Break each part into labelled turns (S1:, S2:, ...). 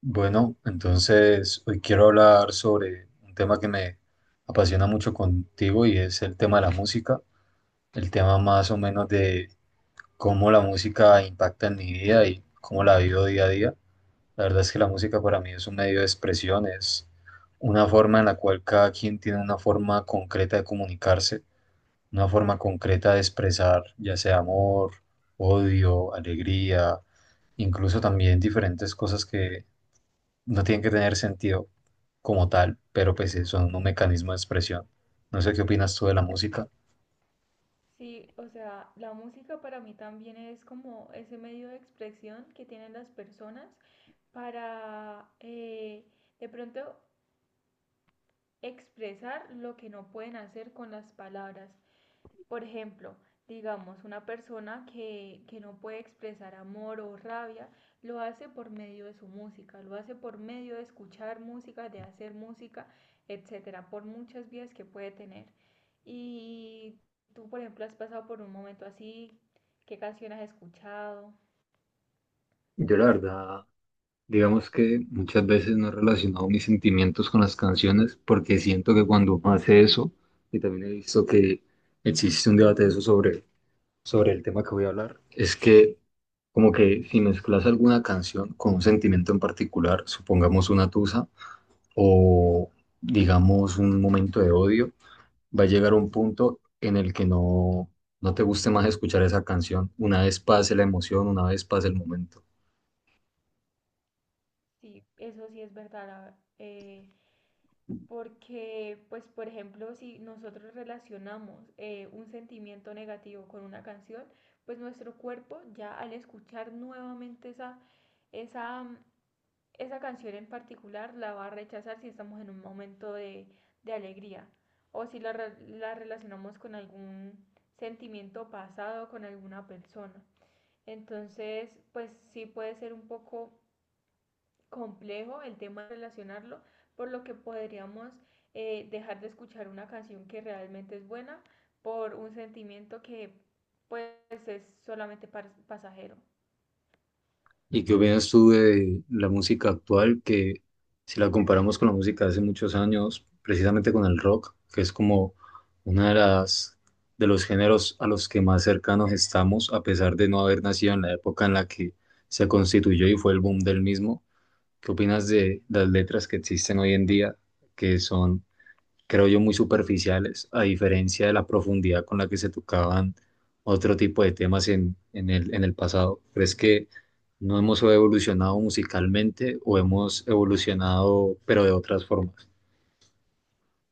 S1: Bueno, entonces hoy quiero hablar sobre un tema que me apasiona mucho contigo, y es el tema de la música, el tema más o menos de cómo la música impacta en mi vida y cómo la vivo día a día. La verdad es que la música para mí es un medio de expresión, es una forma en la cual cada quien tiene una forma concreta de comunicarse, una forma concreta de expresar, ya sea amor, odio, alegría, incluso también diferentes cosas no tienen que tener sentido como tal, pero pues sí son un mecanismo de expresión. No sé qué opinas tú de la música.
S2: Sí, o sea, la música para mí también es como ese medio de expresión que tienen las personas para de pronto expresar lo que no pueden hacer con las palabras. Por ejemplo, digamos, una persona que no puede expresar amor o rabia, lo hace por medio de su música, lo hace por medio de escuchar música, de hacer música, etcétera, por muchas vías que puede tener. Y tú, por ejemplo, has pasado por un momento así, ¿qué canción has escuchado?
S1: Yo la verdad, digamos que muchas veces no he relacionado mis sentimientos con las canciones porque siento que cuando uno hace eso, y también he visto que existe un debate de eso sobre el tema que voy a hablar, es que como que si mezclas alguna canción con un sentimiento en particular, supongamos una tusa o digamos un momento de odio, va a llegar un punto en el que no, no te guste más escuchar esa canción. Una vez pase la emoción, una vez pase el momento.
S2: Sí, eso sí es verdad. Porque, pues, por ejemplo, si nosotros relacionamos un sentimiento negativo con una canción, pues nuestro cuerpo ya al escuchar nuevamente esa esa canción en particular la va a rechazar si estamos en un momento de alegría o si la relacionamos con algún sentimiento pasado, con alguna persona. Entonces, pues sí puede ser un poco complejo el tema de relacionarlo, por lo que podríamos dejar de escuchar una canción que realmente es buena por un sentimiento que pues es solamente pasajero.
S1: ¿Y qué opinas tú de la música actual, que si la comparamos con la música de hace muchos años, precisamente con el rock, que es como una de las de los géneros a los que más cercanos estamos, a pesar de no haber nacido en la época en la que se constituyó y fue el boom del mismo? ¿Qué opinas de las letras que existen hoy en día, que son, creo yo, muy superficiales, a diferencia de la profundidad con la que se tocaban otro tipo de temas en el pasado? ¿Crees que no hemos evolucionado musicalmente o hemos evolucionado, pero de otras formas?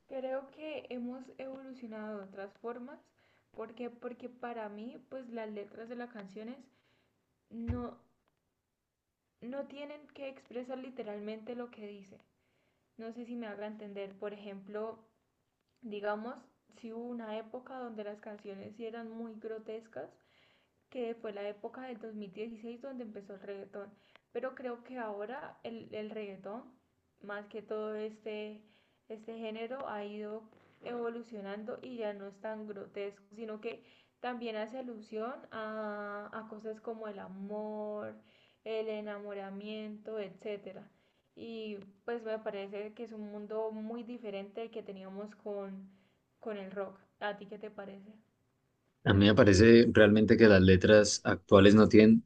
S2: Creo que hemos evolucionado de otras formas, porque para mí pues las letras de las canciones no no tienen que expresar literalmente lo que dice. No sé si me haga entender, por ejemplo, digamos, si hubo una época donde las canciones sí eran muy grotescas, que fue la época del 2016 donde empezó el reggaetón. Pero creo que ahora el reggaetón, más que todo este género, ha ido evolucionando y ya no es tan grotesco, sino que también hace alusión a cosas como el amor, el enamoramiento, etcétera. Y pues me parece que es un mundo muy diferente que teníamos con el rock. ¿A ti qué te parece?
S1: A mí me parece realmente que las letras actuales no tienen,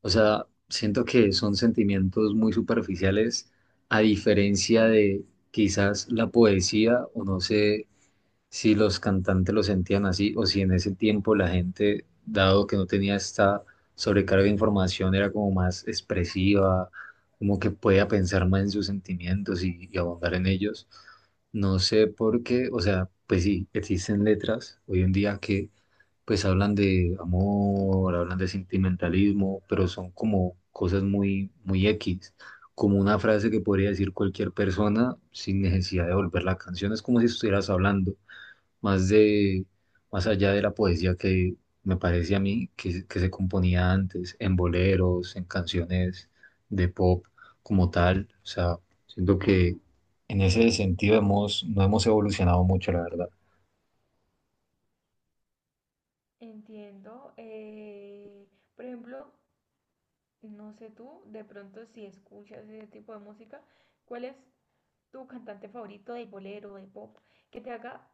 S1: o sea, siento que son sentimientos muy superficiales, a diferencia de quizás la poesía, o no sé si los cantantes lo sentían así o si en ese tiempo la gente, dado que no tenía esta sobrecarga de información, era como más expresiva, como que podía pensar más en sus sentimientos y abundar en ellos. No sé por qué, o sea, pues sí, existen letras hoy en día que pues hablan de amor, hablan de sentimentalismo, pero son como cosas muy, muy X, como una frase que podría decir cualquier persona sin necesidad de volver la canción, es como si estuvieras hablando más de, más allá de la poesía que me parece a mí que se componía antes, en boleros, en canciones de pop como tal. O sea, siento que en ese sentido hemos, no hemos evolucionado mucho, la verdad.
S2: Entiendo. Por ejemplo, no sé tú, de pronto si escuchas ese tipo de música, ¿cuál es tu cantante favorito de bolero, de pop, que te haga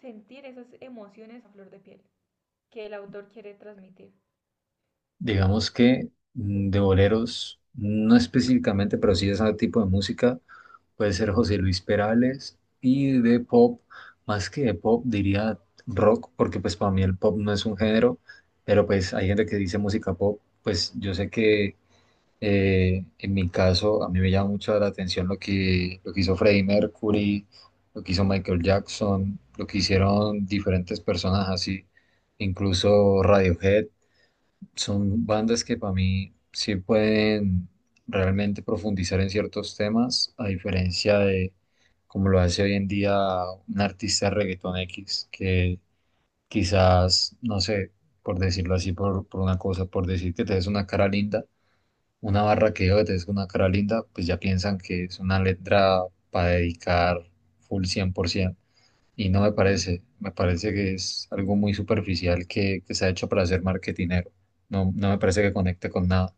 S2: sentir esas emociones a flor de piel que el autor quiere transmitir?
S1: Digamos que de boleros, no específicamente, pero sí de ese tipo de música. Puede ser José Luis Perales, y de pop, más que de pop, diría rock, porque pues para mí el pop no es un género, pero pues hay gente que dice música pop. Pues yo sé que en mi caso a mí me llama mucho la atención lo que hizo Freddie Mercury, lo que hizo Michael Jackson, lo que hicieron diferentes personas así, incluso Radiohead. Son bandas que para mí sí pueden realmente profundizar en ciertos temas, a diferencia de como lo hace hoy en día un artista de reggaetón X, que quizás, no sé, por decirlo así, por una cosa, por decir que te des una cara linda, una barra que diga que te des una cara linda, pues ya piensan que es una letra para dedicar full 100%. Y no me parece, me parece que es algo muy superficial que se ha hecho para hacer marketinero. No, no me parece que conecte con nada.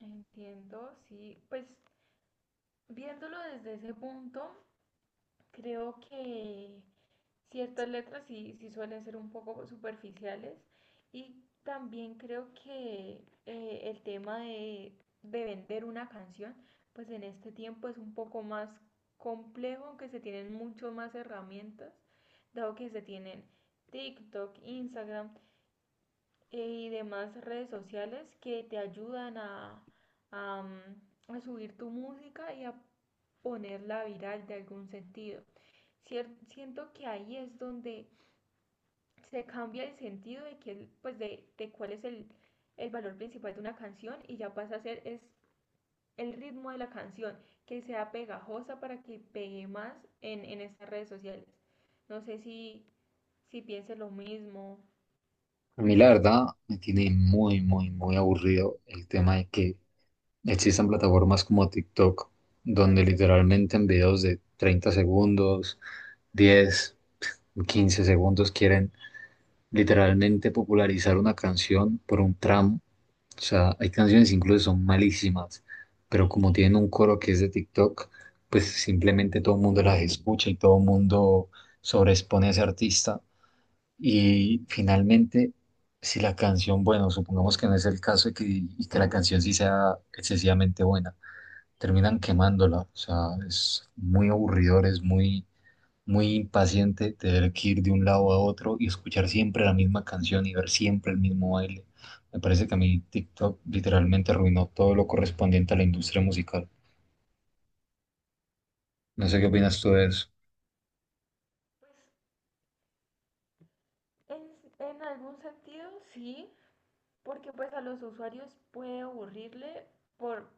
S2: Entiendo, sí. Pues viéndolo desde ese punto, creo que ciertas letras sí, sí suelen ser un poco superficiales y también creo que el tema de vender una canción, pues en este tiempo es un poco más complejo, aunque se tienen mucho más herramientas, dado que se tienen TikTok, Instagram, y demás redes sociales que te ayudan a, a subir tu música y a ponerla viral de algún sentido. Siento que ahí es donde se cambia el sentido de, que, pues de cuál es el valor principal de una canción y ya pasa a ser es el ritmo de la canción, que sea pegajosa para que pegue más en estas redes sociales. No sé si, si pienses lo mismo.
S1: A mí la verdad me tiene muy, muy, muy aburrido el tema de que existan plataformas como TikTok, donde literalmente en videos de 30 segundos, 10 15 segundos, quieren literalmente popularizar una canción por un tramo. O sea, hay canciones incluso son malísimas, pero como tienen un coro que es de TikTok, pues simplemente todo el mundo las escucha y todo el mundo sobreexpone a ese artista. Y finalmente, si la canción, bueno, supongamos que no es el caso y que, la canción sí sea excesivamente buena, terminan quemándola. O sea, es muy aburridor, es muy muy impaciente de tener que ir de un lado a otro y escuchar siempre la misma canción y ver siempre el mismo baile. Me parece que a mí TikTok literalmente arruinó todo lo correspondiente a la industria musical. No sé qué opinas tú de eso.
S2: Pues en algún sentido sí, porque pues a los usuarios puede aburrirle por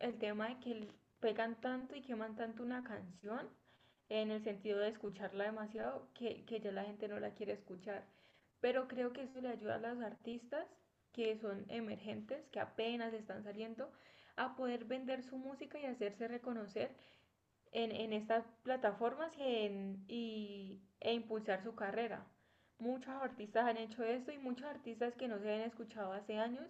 S2: el tema de que pegan tanto y queman tanto una canción en el sentido de escucharla demasiado, que ya la gente no la quiere escuchar. Pero creo que eso le ayuda a los artistas que son emergentes, que apenas están saliendo, a poder vender su música y hacerse reconocer en estas plataformas e impulsar su carrera. Muchos artistas han hecho esto y muchos artistas que no se habían escuchado hace años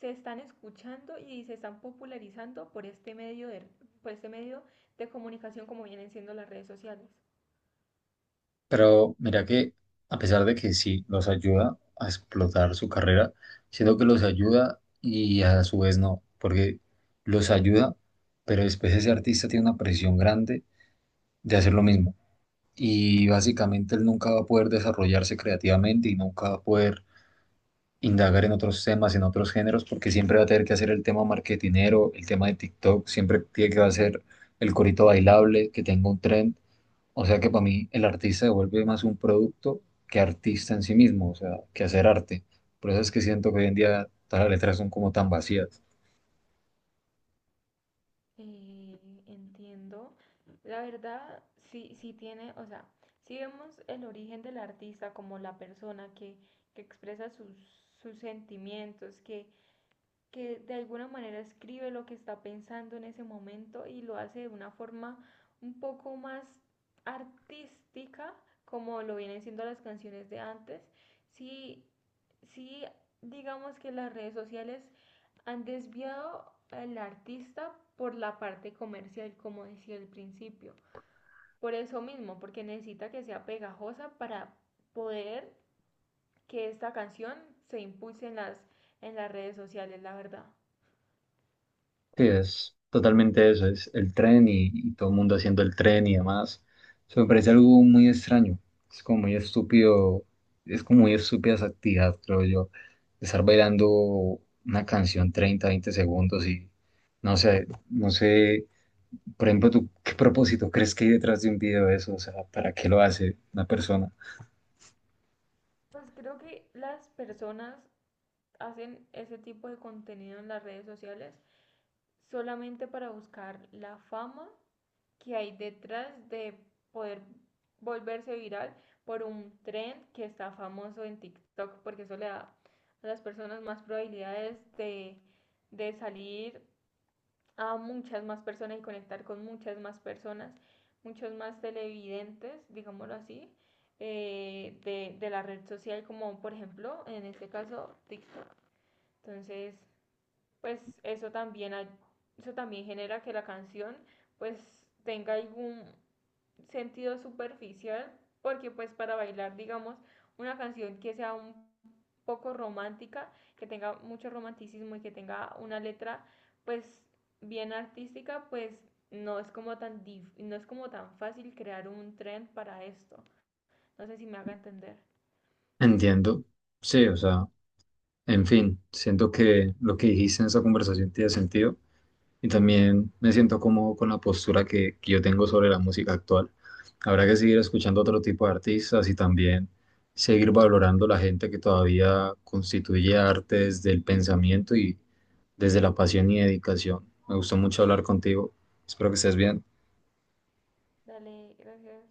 S2: se están escuchando y se están popularizando por este medio de, por este medio de comunicación como vienen siendo las redes sociales.
S1: Pero mira que a pesar de que sí los ayuda a explotar su carrera, siento que los ayuda y a su vez no, porque los ayuda, pero después ese artista tiene una presión grande de hacer lo mismo. Y básicamente él nunca va a poder desarrollarse creativamente y nunca va a poder indagar en otros temas, en otros géneros, porque siempre va a tener que hacer el tema marketinero, el tema de TikTok, siempre tiene que hacer el corito bailable, que tenga un trend. O sea que para mí el artista se vuelve más un producto que artista en sí mismo, o sea, que hacer arte. Por eso es que siento que hoy en día todas las letras son como tan vacías.
S2: Eh, Entiendo. La verdad, sí, sí tiene, o sea, si vemos el origen del artista como la persona que expresa sus, sus sentimientos, que de alguna manera escribe lo que está pensando en ese momento y lo hace de una forma un poco más artística, como lo vienen siendo las canciones de antes. Sí, sí digamos que las redes sociales han desviado al artista por la parte comercial, como decía al principio. Por eso mismo, porque necesita que sea pegajosa para poder que esta canción se impulse en las redes sociales, la verdad.
S1: Sí, es totalmente eso, es el tren y todo el mundo haciendo el tren y demás. Eso me parece algo muy extraño, es como muy estúpido, es como muy estúpida esa actividad, creo yo, estar bailando una canción 30 20 segundos, y no sé, no sé, por ejemplo, ¿tú qué propósito crees que hay detrás de un video de eso? O sea, ¿para qué lo hace una persona?
S2: Pues creo que las personas hacen ese tipo de contenido en las redes sociales solamente para buscar la fama que hay detrás de poder volverse viral por un trend que está famoso en TikTok, porque eso le da a las personas más probabilidades de salir a muchas más personas y conectar con muchas más personas, muchos más televidentes, digámoslo así, de la red social, como por ejemplo, en este caso, TikTok. Entonces, pues eso también genera que la canción pues tenga algún sentido superficial, porque pues para bailar, digamos, una canción que sea un poco romántica, que tenga mucho romanticismo y que tenga una letra pues bien artística, pues no es como no es como tan fácil crear un trend para esto. No sé si me haga entender.
S1: Entiendo, sí, o sea, en fin, siento que lo que dijiste en esa conversación tiene sentido, y también me siento cómodo con la postura que yo tengo sobre la música actual. Habrá que seguir escuchando otro tipo de artistas y también seguir valorando la gente que todavía constituye arte desde el pensamiento y desde la pasión y dedicación. Me gustó mucho hablar contigo. Espero que estés bien.
S2: Dale, gracias.